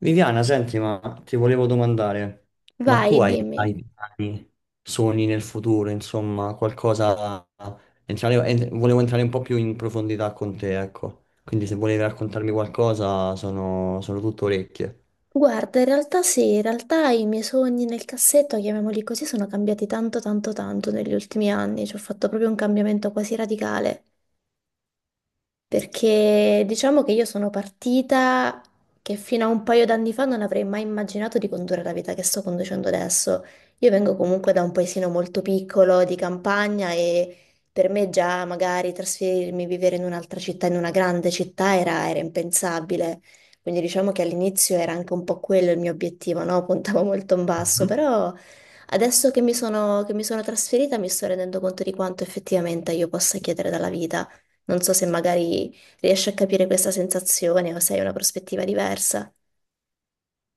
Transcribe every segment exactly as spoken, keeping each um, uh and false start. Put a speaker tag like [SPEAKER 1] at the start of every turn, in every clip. [SPEAKER 1] Viviana, senti, ma ti volevo domandare, ma tu
[SPEAKER 2] Vai,
[SPEAKER 1] hai, hai
[SPEAKER 2] dimmi.
[SPEAKER 1] piani, sogni nel futuro, insomma, qualcosa... entrare- en- volevo entrare un po' più in profondità con te, ecco. Quindi se volevi raccontarmi qualcosa, sono, sono tutto orecchie.
[SPEAKER 2] Guarda, in realtà sì, in realtà i miei sogni nel cassetto, chiamiamoli così, sono cambiati tanto, tanto, tanto negli ultimi anni. Ci ho fatto proprio un cambiamento quasi radicale. Perché diciamo che io sono partita che fino a un paio d'anni fa non avrei mai immaginato di condurre la vita che sto conducendo adesso. Io vengo comunque da un paesino molto piccolo di campagna e per me già magari trasferirmi, vivere in un'altra città, in una grande città, era, era impensabile. Quindi diciamo che all'inizio era anche un po' quello il mio obiettivo, no? Puntavo molto in basso,
[SPEAKER 1] Mhm.
[SPEAKER 2] però adesso che mi sono, che mi sono trasferita mi sto rendendo conto di quanto effettivamente io possa chiedere dalla vita. Non so se magari riesci a capire questa sensazione o se hai una prospettiva diversa.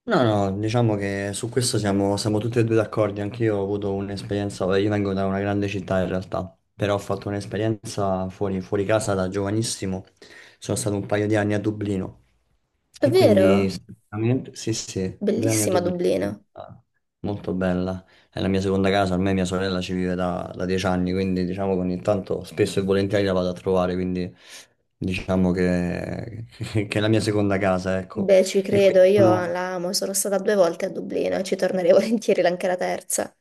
[SPEAKER 1] No, no, diciamo che su questo siamo, siamo tutti e due d'accordo. Anche io ho avuto un'esperienza, io vengo da una grande città in realtà, però ho fatto un'esperienza fuori, fuori casa da giovanissimo. Sono stato un paio di anni a Dublino e quindi
[SPEAKER 2] Davvero?
[SPEAKER 1] sicuramente- sì, sì, due anni a
[SPEAKER 2] Bellissima
[SPEAKER 1] Dublino. Sì,
[SPEAKER 2] Dublino.
[SPEAKER 1] ah, molto bella. È la mia seconda casa, ormai mia sorella ci vive da, da dieci anni, quindi diciamo che ogni tanto spesso e volentieri la vado a trovare, quindi diciamo che, che è la mia seconda casa, ecco.
[SPEAKER 2] Beh, ci
[SPEAKER 1] E
[SPEAKER 2] credo,
[SPEAKER 1] quindi
[SPEAKER 2] io
[SPEAKER 1] sono-
[SPEAKER 2] la amo, sono stata due volte a Dublino e ci tornerei volentieri anche la terza.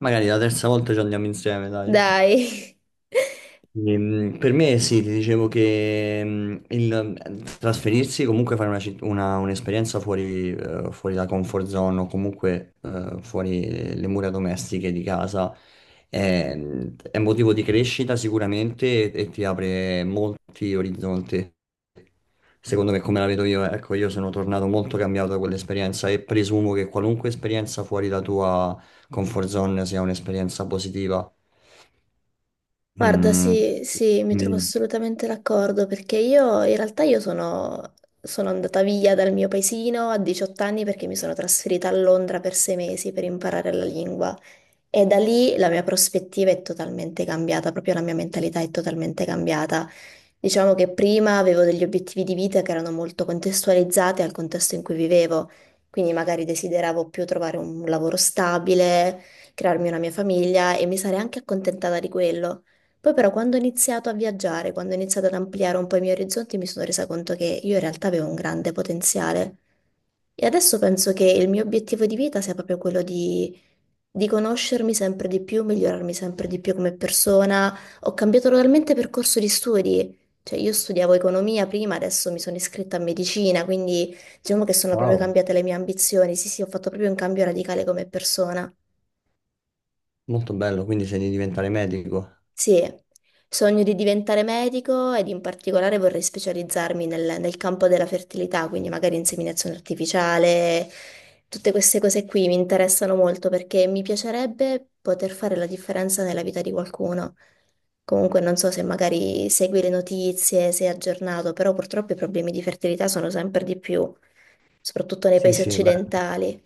[SPEAKER 1] Magari la terza volta ci andiamo insieme, dai.
[SPEAKER 2] Dai.
[SPEAKER 1] Ehm, Per me sì, ti dicevo che ehm, il mhmm, trasferirsi, comunque fare una citt- una- un'esperienza fuori, eh, fuori la comfort zone o comunque eh, fuori le mura domestiche di casa è, è motivo di crescita sicuramente e, e ti apre molti orizzonti. Secondo me, come la vedo io, ecco, io sono tornato molto cambiato da quell'esperienza e presumo che qualunque esperienza fuori la tua comfort zone sia un'esperienza positiva.
[SPEAKER 2] Guarda,
[SPEAKER 1] Mm,
[SPEAKER 2] sì, sì, mi trovo
[SPEAKER 1] mi-
[SPEAKER 2] assolutamente d'accordo perché io in realtà io sono, sono andata via dal mio paesino a diciotto anni perché mi sono trasferita a Londra per sei mesi per imparare la lingua. E da lì la mia prospettiva è totalmente cambiata, proprio la mia mentalità è totalmente cambiata. Diciamo che prima avevo degli obiettivi di vita che erano molto contestualizzati al contesto in cui vivevo, quindi magari desideravo più trovare un lavoro stabile, crearmi una mia famiglia e mi sarei anche accontentata di quello. Poi però quando ho iniziato a viaggiare, quando ho iniziato ad ampliare un po' i miei orizzonti, mi sono resa conto che io in realtà avevo un grande potenziale. E adesso penso che il mio obiettivo di vita sia proprio quello di di conoscermi sempre di più, migliorarmi sempre di più come persona. Ho cambiato totalmente percorso di studi. Cioè, io studiavo economia prima, adesso mi sono iscritta a medicina, quindi diciamo che sono proprio
[SPEAKER 1] Wow,
[SPEAKER 2] cambiate le mie ambizioni. Sì, sì, ho fatto proprio un cambio radicale come persona.
[SPEAKER 1] molto bello, quindi sei di diventare medico.
[SPEAKER 2] Sì, sogno di diventare medico ed in particolare vorrei specializzarmi nel, nel campo della fertilità, quindi magari inseminazione artificiale, tutte queste cose qui mi interessano molto perché mi piacerebbe poter fare la differenza nella vita di qualcuno. Comunque non so se magari segui le notizie, sei aggiornato, però purtroppo i problemi di fertilità sono sempre di più, soprattutto nei
[SPEAKER 1] Sì,
[SPEAKER 2] paesi
[SPEAKER 1] sì, beh,
[SPEAKER 2] occidentali.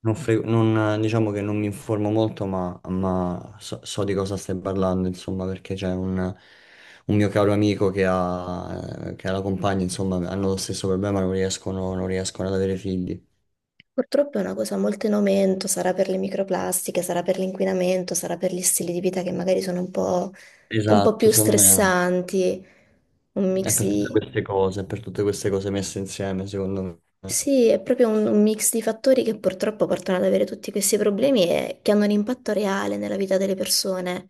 [SPEAKER 1] non fre- non- diciamo che non mi informo molto, ma, ma so, so di cosa stai parlando, insomma, perché c'è un, un mio caro amico che ha, che ha la compagna, insomma, hanno lo stesso problema, non riescono, non riescono ad avere figli.
[SPEAKER 2] Purtroppo è una cosa molto in aumento, sarà per le microplastiche, sarà per l'inquinamento, sarà per gli stili di vita che magari sono un po', un po'
[SPEAKER 1] Esatto,
[SPEAKER 2] più
[SPEAKER 1] secondo me
[SPEAKER 2] stressanti, un
[SPEAKER 1] è
[SPEAKER 2] mix
[SPEAKER 1] per tutte
[SPEAKER 2] di...
[SPEAKER 1] queste cose, è per tutte queste cose messe insieme, secondo me.
[SPEAKER 2] Sì, è proprio un, un mix di fattori che purtroppo portano ad avere tutti questi problemi e che hanno un impatto reale nella vita delle persone.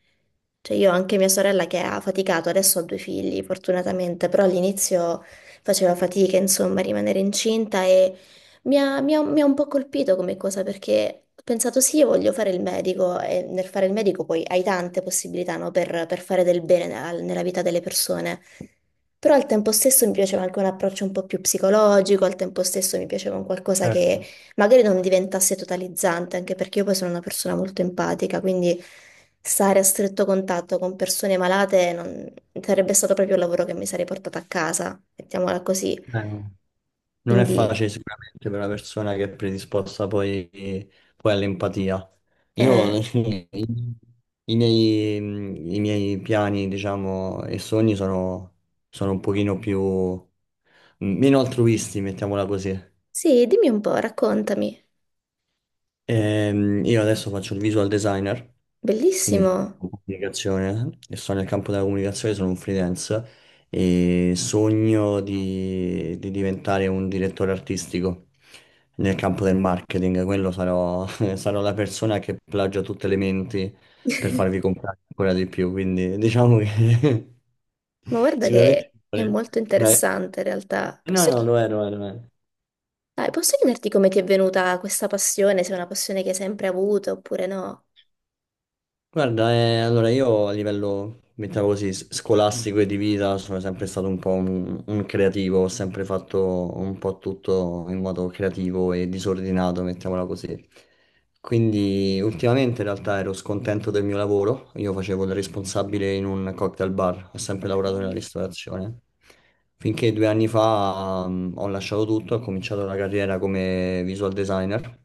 [SPEAKER 2] Cioè io ho anche mia sorella che ha faticato, adesso ho due figli fortunatamente, però all'inizio faceva fatica insomma a rimanere incinta e mi ha, mi ha- mi ha un po' colpito come cosa perché ho pensato sì, io voglio fare il medico e nel fare il medico poi hai tante possibilità no, per, per fare del bene nella nella vita delle persone. Però al tempo stesso mi piaceva anche un approccio un po' più psicologico, al tempo stesso mi piaceva un qualcosa
[SPEAKER 1] Certo.
[SPEAKER 2] che magari non diventasse totalizzante, anche perché io poi sono una persona molto empatica, quindi stare a stretto contatto con persone malate non... sarebbe stato proprio il lavoro che mi sarei portata a casa, mettiamola così.
[SPEAKER 1] Eh, non è
[SPEAKER 2] Quindi,
[SPEAKER 1] facile sicuramente per una persona che è predisposta poi, poi all'empatia. Io
[SPEAKER 2] eh,
[SPEAKER 1] i, i miei, mm, i miei piani, diciamo, e sogni sono, sono un pochino più mm, meno altruisti, mettiamola così.
[SPEAKER 2] sì, dimmi un po', raccontami.
[SPEAKER 1] Ehm, io adesso faccio il visual designer, quindi
[SPEAKER 2] Bellissimo.
[SPEAKER 1] faccio comunicazione, e sono nel campo della comunicazione, sono un freelance e sogno di, di diventare un direttore artistico nel campo del marketing. Quello sarò, sarò la persona che plagia tutte le menti per farvi comprare ancora di più, quindi diciamo che
[SPEAKER 2] Ma guarda
[SPEAKER 1] sicuramente
[SPEAKER 2] che è molto
[SPEAKER 1] una...
[SPEAKER 2] interessante in realtà.
[SPEAKER 1] No,
[SPEAKER 2] Posso.
[SPEAKER 1] no, lo è, lo è, lo è.
[SPEAKER 2] Dai, posso chiederti come ti è venuta questa passione, se è una passione che hai sempre avuto oppure no?
[SPEAKER 1] Guarda, eh, allora io a livello, mettiamo così, s- scolastico e di vita sono sempre stato un po' un, un creativo, ho sempre fatto un po' tutto in modo creativo e disordinato, mettiamola così. Quindi ultimamente in realtà ero scontento del mio lavoro, io facevo il responsabile in un cocktail bar, ho sempre lavorato nella
[SPEAKER 2] Ok.
[SPEAKER 1] ristorazione, finché due anni fa mm, ho lasciato tutto, ho cominciato la carriera come visual designer,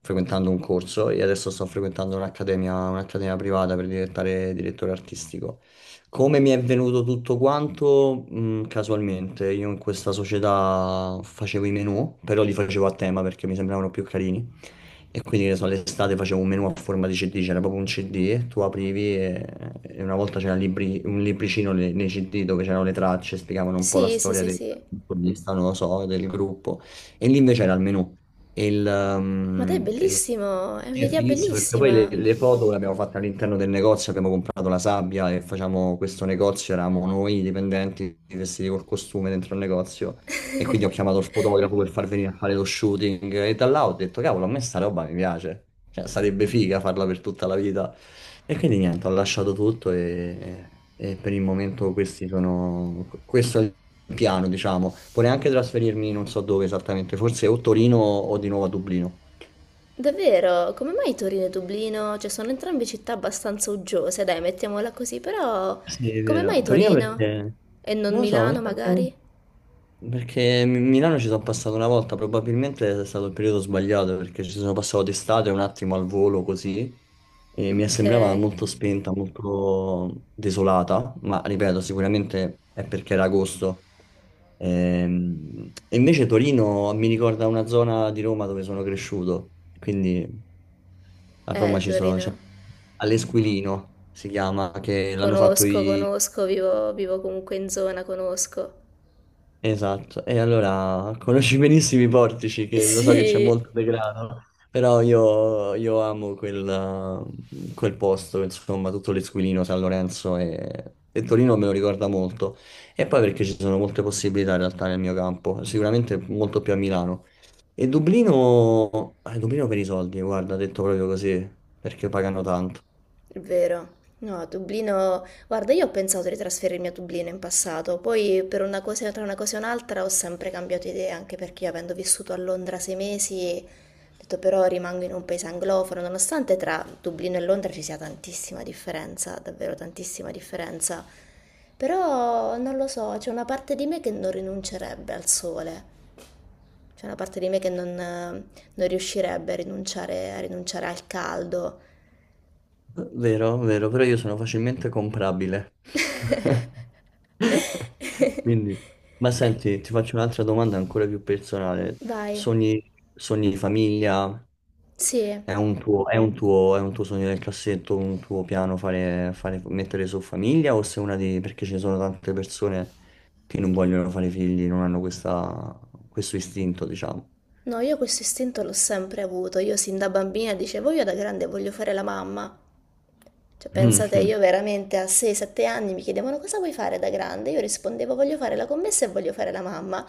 [SPEAKER 1] frequentando un corso e adesso sto frequentando un'accademia, un'accademia privata per diventare direttore artistico. Come mi è venuto tutto quanto? Mm, casualmente, io in questa società facevo i menu, però li facevo a tema perché mi sembravano più carini. E quindi, che ne so, l'estate facevo un menu a forma di C D, c'era proprio un C D, tu aprivi e, e una volta c'era libri- un libricino le- nei C D dove c'erano le tracce, spiegavano un po' la
[SPEAKER 2] Sì, sì,
[SPEAKER 1] storia
[SPEAKER 2] sì,
[SPEAKER 1] del
[SPEAKER 2] sì.
[SPEAKER 1] protagonista, non lo so, del gruppo. E lì invece era il menu. E il,
[SPEAKER 2] Ma dai, è
[SPEAKER 1] um, e
[SPEAKER 2] bellissimo, è
[SPEAKER 1] sì, è
[SPEAKER 2] un'idea
[SPEAKER 1] fighissimo perché poi le,
[SPEAKER 2] bellissima.
[SPEAKER 1] le foto le abbiamo fatte all'interno del negozio, abbiamo comprato la sabbia e facciamo questo negozio, eravamo noi i dipendenti vestiti col costume dentro il negozio e quindi ho chiamato il fotografo per far venire a fare lo shooting e da là ho detto cavolo a me sta roba mi piace, cioè sarebbe figa farla per tutta la vita e quindi niente ho lasciato tutto e, e per il momento questi sono, questo è il piano diciamo, vorrei anche trasferirmi non so dove esattamente, forse o Torino o di nuovo a Dublino.
[SPEAKER 2] Davvero, come mai Torino e Dublino? Cioè, sono entrambe città abbastanza uggiose, dai, mettiamola così, però
[SPEAKER 1] Sì, è
[SPEAKER 2] come mai
[SPEAKER 1] vero. Torino
[SPEAKER 2] Torino?
[SPEAKER 1] perché...
[SPEAKER 2] E non
[SPEAKER 1] Non lo so, mi
[SPEAKER 2] Milano,
[SPEAKER 1] sa che-
[SPEAKER 2] magari?
[SPEAKER 1] perché Mi- Milano ci sono passato una volta, probabilmente è stato il periodo sbagliato perché ci sono passato d'estate un attimo al volo così e mi
[SPEAKER 2] Ok,
[SPEAKER 1] sembrava
[SPEAKER 2] eh,
[SPEAKER 1] molto spenta, molto desolata, ma ripeto, sicuramente è perché era agosto. Ehm, E invece Torino mi ricorda una zona di Roma dove sono cresciuto, quindi a Roma ci sono... c'è-
[SPEAKER 2] Torino.
[SPEAKER 1] all'Esquilino si chiama, che l'hanno fatto
[SPEAKER 2] Conosco, conosco, vivo, vivo comunque in zona, conosco.
[SPEAKER 1] esatto, e allora conosci benissimo i portici, che lo so che c'è
[SPEAKER 2] Sì.
[SPEAKER 1] molto degrado, però io, io amo quel, eh, quel posto, insomma, tutto l'Esquilino, San Lorenzo e, e Torino me lo ricorda molto. E poi perché ci sono molte possibilità in realtà nel mio campo, sicuramente molto più a Milano. E Dublino, eh, Dublino per i soldi, guarda, detto proprio così, perché pagano tanto.
[SPEAKER 2] È vero. No, Dublino. Guarda, io ho pensato di trasferirmi a Dublino in passato, poi per una cosa, tra una cosa e un'altra ho sempre cambiato idea, anche perché io avendo vissuto a Londra sei mesi, ho detto però rimango in un paese anglofono, nonostante tra Dublino e Londra ci sia tantissima differenza, davvero tantissima differenza. Però non lo so, c'è una parte di me che non rinuncerebbe al sole, c'è una parte di me che non, non riuscirebbe a rinunciare, a rinunciare, al caldo.
[SPEAKER 1] Vero, vero, però io sono facilmente comprabile. Quindi, ma
[SPEAKER 2] Eh,
[SPEAKER 1] senti, ti faccio un'altra domanda ancora più personale.
[SPEAKER 2] Vai,
[SPEAKER 1] Sogni, sogni di famiglia?
[SPEAKER 2] sì.
[SPEAKER 1] È un tuo, è un tuo, è un tuo sogno nel cassetto, un tuo piano fare, fare- mettere su famiglia? O sei una di... perché ci sono tante persone che non vogliono fare figli, non hanno questa- questo istinto, diciamo.
[SPEAKER 2] No, io questo istinto l'ho sempre avuto. Io sin da bambina dicevo, io da grande voglio fare la mamma. Cioè, pensate, io
[SPEAKER 1] Mhm.
[SPEAKER 2] veramente a sei sette anni mi chiedevano cosa vuoi fare da grande? Io rispondevo voglio fare la commessa e voglio fare la mamma.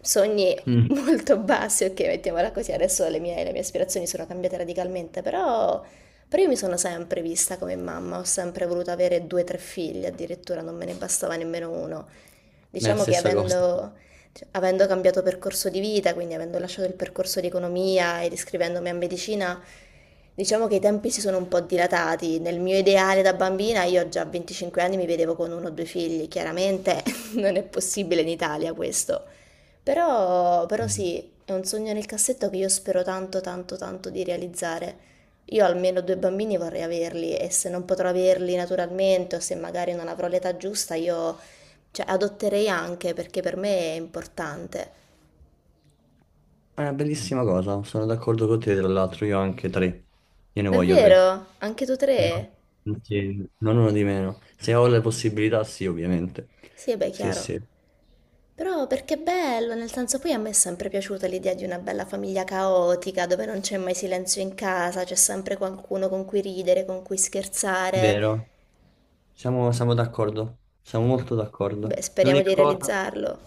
[SPEAKER 2] Sogni
[SPEAKER 1] Mm. Mm.
[SPEAKER 2] molto bassi, ok, mettiamola così. Adesso le mie, le mie aspirazioni sono cambiate radicalmente, però, però io mi sono sempre vista come mamma, ho sempre voluto avere due o tre figli, addirittura non me ne bastava nemmeno uno.
[SPEAKER 1] È la
[SPEAKER 2] Diciamo che
[SPEAKER 1] stessa cosa.
[SPEAKER 2] avendo, cioè, avendo cambiato percorso di vita, quindi avendo lasciato il percorso di economia ed iscrivendomi a medicina, diciamo che i tempi si sono un po' dilatati. Nel mio ideale da bambina, io già a venticinque anni mi vedevo con uno o due figli, chiaramente non è possibile in Italia questo. Però, però
[SPEAKER 1] Mm.
[SPEAKER 2] sì, è un sogno nel cassetto che io spero tanto, tanto, tanto di realizzare. Io almeno due bambini vorrei averli e se non potrò averli naturalmente o se magari non avrò l'età giusta, io, cioè, adotterei anche perché per me è importante.
[SPEAKER 1] È una bellissima cosa, sono d'accordo con te, tra l'altro io ho anche tre, io ne voglio tre.
[SPEAKER 2] Davvero? Anche tu tre?
[SPEAKER 1] No, sì, non uno di meno. Se ho le possibilità, sì, ovviamente.
[SPEAKER 2] Sì, e beh,
[SPEAKER 1] Sì,
[SPEAKER 2] chiaro.
[SPEAKER 1] sì.
[SPEAKER 2] Però perché è bello, nel senso poi a me è sempre piaciuta l'idea di una bella famiglia caotica, dove non c'è mai silenzio in casa, c'è sempre qualcuno con cui ridere, con cui scherzare.
[SPEAKER 1] Vero? Siamo, siamo d'accordo. Siamo molto d'accordo.
[SPEAKER 2] Beh, speriamo
[SPEAKER 1] L'unica
[SPEAKER 2] di
[SPEAKER 1] cosa,
[SPEAKER 2] realizzarlo.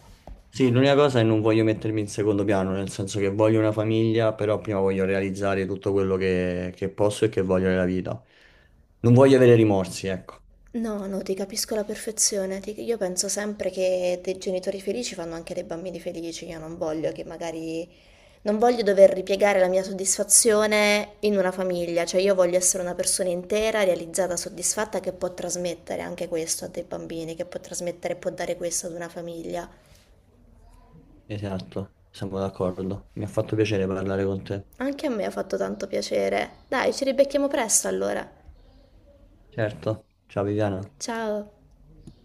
[SPEAKER 1] sì, l'unica cosa è non voglio mettermi in secondo piano, nel senso che voglio una famiglia, però prima voglio realizzare tutto quello che, che posso e che voglio nella vita. Non voglio avere rimorsi, ecco.
[SPEAKER 2] No, no, ti capisco alla perfezione. Ti- Io penso sempre che dei genitori felici fanno anche dei bambini felici. Io non voglio che magari... Non voglio dover ripiegare la mia soddisfazione in una famiglia. Cioè, io voglio essere una persona intera, realizzata, soddisfatta, che può trasmettere anche questo a dei bambini, che può trasmettere e può dare questo ad una famiglia.
[SPEAKER 1] Esatto, siamo d'accordo. Mi ha fatto piacere parlare con te.
[SPEAKER 2] Anche a me ha fatto tanto piacere. Dai, ci ribecchiamo presto allora.
[SPEAKER 1] Certo. Ciao Viviana.
[SPEAKER 2] Ciao.